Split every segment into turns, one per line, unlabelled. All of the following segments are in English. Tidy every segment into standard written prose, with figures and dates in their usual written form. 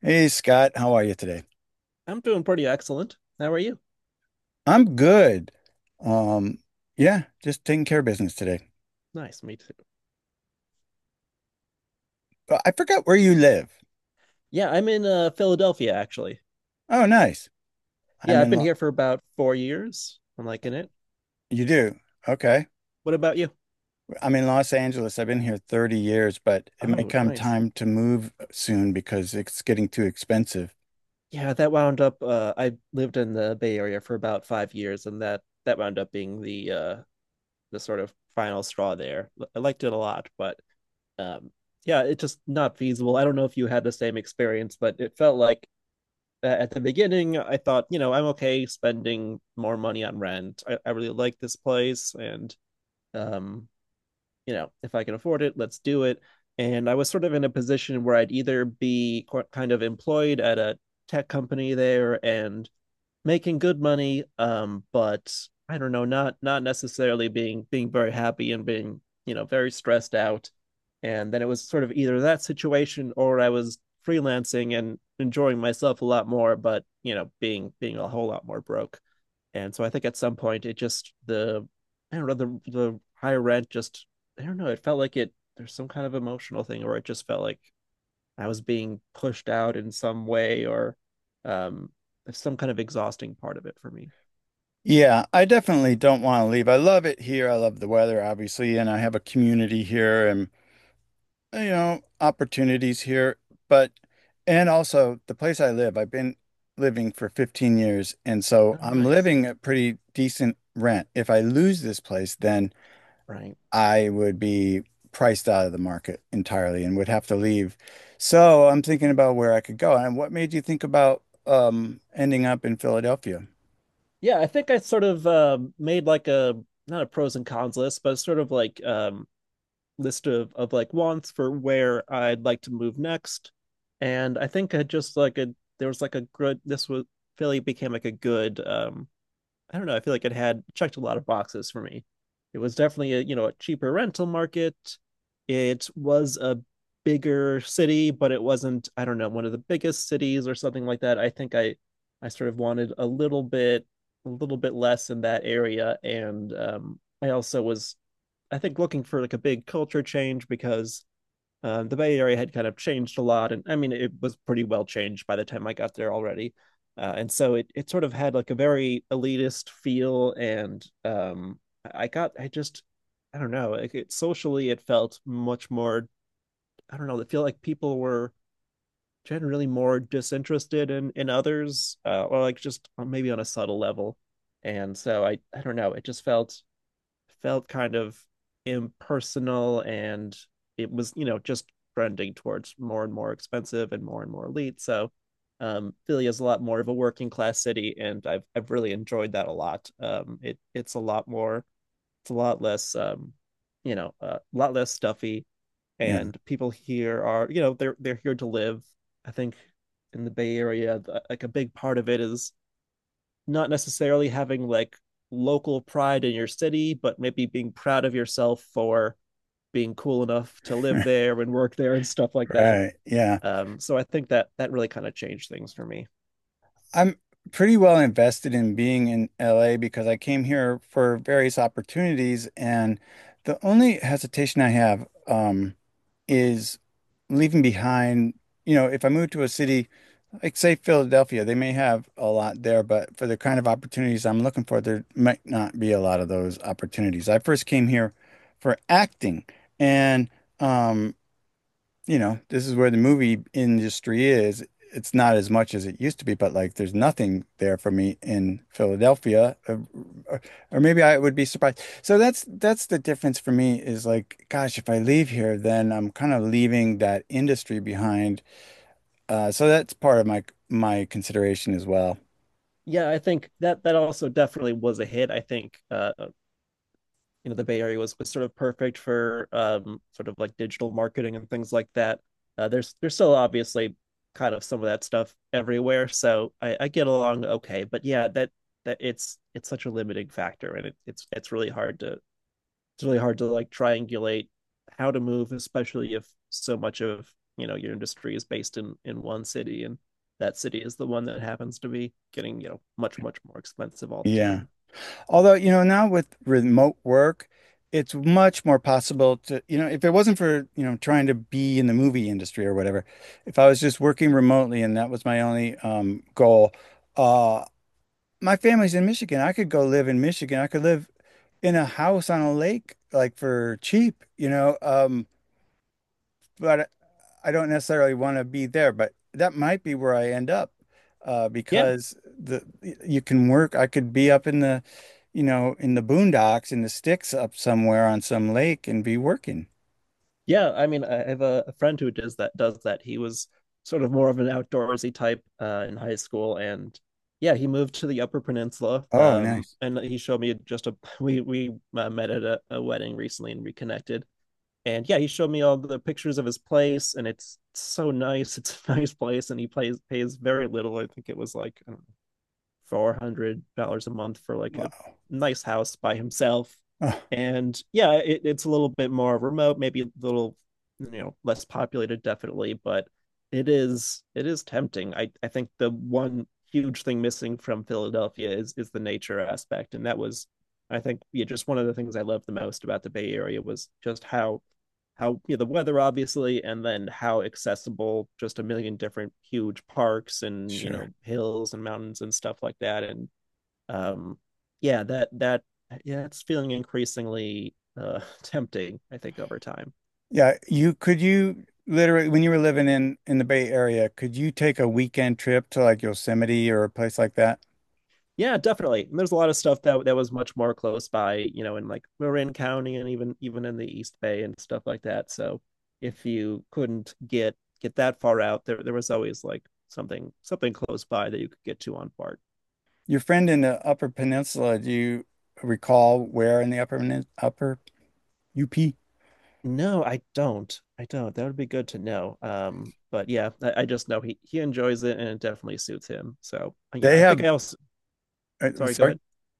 Hey Scott, how are you today?
I'm doing pretty excellent. How are you?
I'm good. Um, yeah, just taking care of business today.
Nice, me too.
I forgot where you live.
Yeah, I'm in Philadelphia actually.
Oh, nice. I'm
Yeah, I've
in
been
Lo
here for about 4 years. I'm liking it.
you do. Okay.
What about you?
I'm in Los Angeles. I've been here 30 years, but it may
Oh,
come
nice.
time to move soon because it's getting too expensive.
Yeah, that wound up. I lived in the Bay Area for about 5 years, and that wound up being the the sort of final straw there. I liked it a lot, but um, yeah, it's just not feasible. I don't know if you had the same experience, but it felt like at the beginning, I thought, I'm okay spending more money on rent. I really like this place, and um, if I can afford it, let's do it. And I was sort of in a position where I'd either be kind of employed at a tech company there and making good money, but I don't know, not necessarily being very happy and being very stressed out. And then it was sort of either that situation or I was freelancing and enjoying myself a lot more, but being a whole lot more broke. And so I think at some point it just the I don't know, the higher rent just, I don't know, it felt like it there's some kind of emotional thing, or it just felt like I was being pushed out in some way, or um some kind of exhausting part of it for me.
Yeah, I definitely don't want to leave. I love it here. I love the weather, obviously, and I have a community here and, you know, opportunities here, but and also the place I live, I've been living for 15 years, and so
Oh,
I'm
nice.
living at pretty decent rent. If I lose this place, then
Right.
I would be priced out of the market entirely and would have to leave. So I'm thinking about where I could go. And what made you think about ending up in Philadelphia?
Yeah, I think I sort of made like a, not a pros and cons list, but sort of like list of like wants for where I'd like to move next, and I think I just like a there was like a good this was Philly became like a good, I don't know, I feel like it had checked a lot of boxes for me. It was definitely a, you know, a cheaper rental market. It was a bigger city, but it wasn't, I don't know, one of the biggest cities or something like that. I think I sort of wanted a little bit less in that area, and I also was, I think, looking for like a big culture change because the Bay Area had kind of changed a lot, and I mean it was pretty well changed by the time I got there already, and so it sort of had like a very elitist feel, and I just, I don't know, like it socially it felt much more, I don't know, it feel like people were generally more disinterested in others, or like just, maybe on a subtle level, and so I don't know, it just felt kind of impersonal, and it was, you know, just trending towards more and more expensive and more elite. So Philly is a lot more of a working class city, and I've really enjoyed that a lot. It's a lot less, a lot less stuffy,
Yeah.
and people here are, you know, they're here to live. I think in the Bay Area, like a big part of it is not necessarily having like local pride in your city, but maybe being proud of yourself for being cool enough to live there and work there and stuff like that.
Right. Yeah.
So I think that that really kind of changed things for me.
I'm pretty well invested in being in LA because I came here for various opportunities, and the only hesitation I have is leaving behind. You know, if I move to a city like, say, Philadelphia, they may have a lot there, but for the kind of opportunities I'm looking for, there might not be a lot of those opportunities. I first came here for acting, and um, you know, this is where the movie industry is. It's not as much as it used to be, but like there's nothing there for me in Philadelphia, or, or maybe I would be surprised. So that's the difference for me is like, gosh, if I leave here, then I'm kind of leaving that industry behind. So that's part of my consideration as well.
Yeah, I think that that also definitely was a hit. I think, you know, the Bay Area was sort of perfect for sort of like digital marketing and things like that. There's still obviously kind of some of that stuff everywhere, so I get along okay. But yeah, that that it's such a limiting factor, and it's really hard to, it's really hard to, like, triangulate how to move, especially if so much of, you know, your industry is based in one city, and that city is the one that happens to be getting, you know, much more expensive all the
Yeah.
time.
Although, you know, now with remote work, it's much more possible to, you know, if it wasn't for, you know, trying to be in the movie industry or whatever, if I was just working remotely and that was my only goal, uh, my family's in Michigan. I could go live in Michigan. I could live in a house on a lake, like for cheap, you know. But I don't necessarily want to be there, but that might be where I end up
Yeah.
because the you can work. I could be up in the, you know, in the boondocks in the sticks up somewhere on some lake and be working.
Yeah, I mean, I have a friend who does that. Does that? He was sort of more of an outdoorsy type, in high school, and yeah, he moved to the Upper Peninsula.
Oh, nice.
And he showed me just a, we met at a wedding recently and reconnected. And yeah, he showed me all the pictures of his place, and it's so nice. It's a nice place, and he plays pays very little. I think it was like, I don't, $400 a month for like a
Well,
nice house by himself.
oh,
And yeah, it, it's a little bit more remote, maybe a little, you know, less populated, definitely, but it is tempting. I think the one huge thing missing from Philadelphia is the nature aspect, and that was, I think, yeah, just one of the things I loved the most about the Bay Area was just how, you know, the weather obviously, and then how accessible just a million different huge parks, and, you
sure.
know, hills and mountains and stuff like that, and um yeah, that that yeah, it's feeling increasingly tempting, I think, over time.
Yeah, you could you literally when you were living in the Bay Area, could you take a weekend trip to like Yosemite or a place like that?
Yeah, definitely, and there's a lot of stuff that was much more close by, you know, in like Marin County, and even in the East Bay and stuff like that. So if you couldn't get that far out there, there was always like something close by that you could get to on BART.
Your friend in the Upper Peninsula, do you recall where in the Upper UP?
No, I don't. I don't. That would be good to know. But yeah, I just know he enjoys it, and it definitely suits him. So yeah,
They
I think
have,
I also. Sorry, go
sorry,
ahead.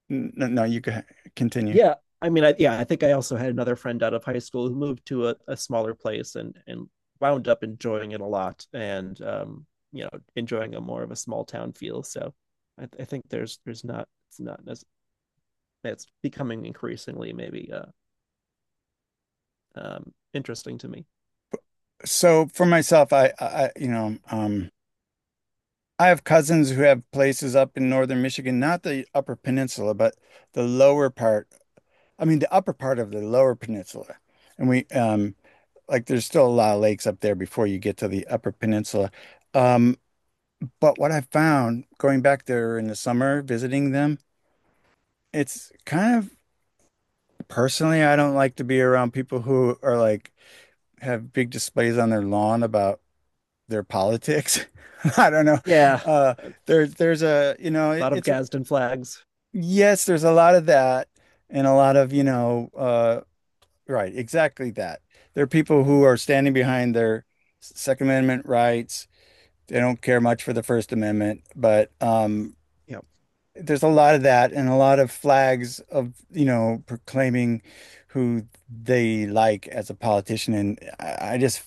No, no, you can continue.
Yeah, I mean, yeah, I think I also had another friend out of high school who moved to a smaller place, and wound up enjoying it a lot, and you know, enjoying a more of a small town feel. So I think there's not it's not as, that's becoming increasingly maybe interesting to me.
So for myself, you know, I have cousins who have places up in northern Michigan, not the Upper Peninsula, but the lower part. I mean, the upper part of the Lower Peninsula, and we, like, there's still a lot of lakes up there before you get to the Upper Peninsula. Um, but what I found going back there in the summer, visiting them. It's kind of personally, I don't like to be around people who are like have big displays on their lawn about their politics. I don't know.
Yeah,
Uh,
a
there's a, you know, it,
lot of
it's
Gadsden flags.
yes, there's a lot of that and a lot of, you know, right, exactly that. There are people who are standing behind their Second Amendment rights. They don't care much for the First Amendment, but
Yeah.
there's a lot of that and a lot of flags of, you know, proclaiming who they like as a politician. And I just,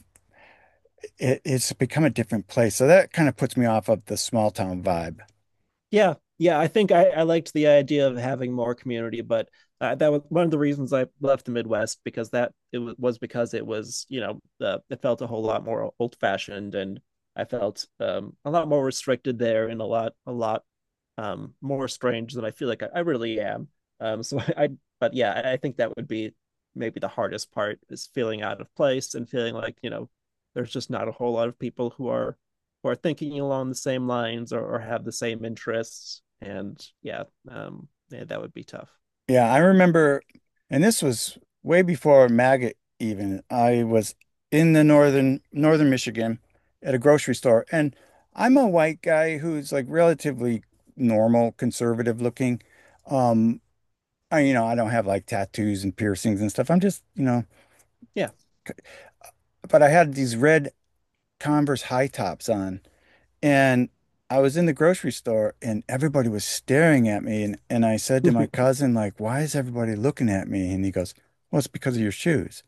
it's become a different place. So that kind of puts me off of the small town vibe.
Yeah, yeah, I think I liked the idea of having more community, but that was one of the reasons I left the Midwest, because that it w was because it was, you know, it felt a whole lot more old-fashioned, and I felt, a lot more restricted there, and a lot more strange than I feel like I really am. So but yeah, I think that would be maybe the hardest part is feeling out of place and feeling like, you know, there's just not a whole lot of people who are thinking along the same lines, or have the same interests. And yeah, yeah, that would be tough.
Yeah, I remember, and this was way before MAGA even. I was in the northern Michigan at a grocery store, and I'm a white guy who's like relatively normal, conservative looking. Um, I, you know, I don't have like tattoos and piercings and stuff. I'm just, you know,
Yeah.
but I had these red Converse high tops on and I was in the grocery store and everybody was staring at me and I said to my cousin, like, why is everybody looking at me? And he goes, well, it's because of your shoes.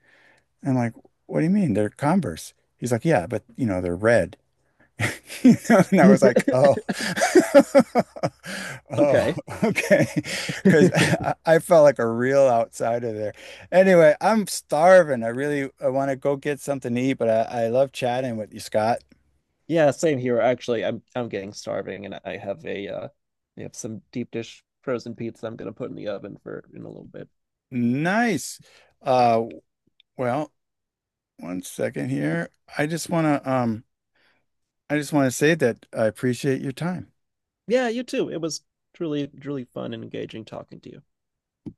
And I'm like, what do you mean? They're Converse. He's like, yeah, but you know, they're red. You know, and I was like, "Oh, oh,
Okay.
okay," because I felt like a real outsider there. Anyway, I'm starving. I want to go get something to eat, but I love chatting with you, Scott.
Yeah, same here. Actually, I'm getting starving, and I have a, I have some deep dish frozen pizza I'm gonna put in the oven for in a little bit.
Nice. Uh, well, one second here. I just wanna um, I just want to say that I appreciate your time.
Yeah, you too. It was truly truly fun and engaging talking to you.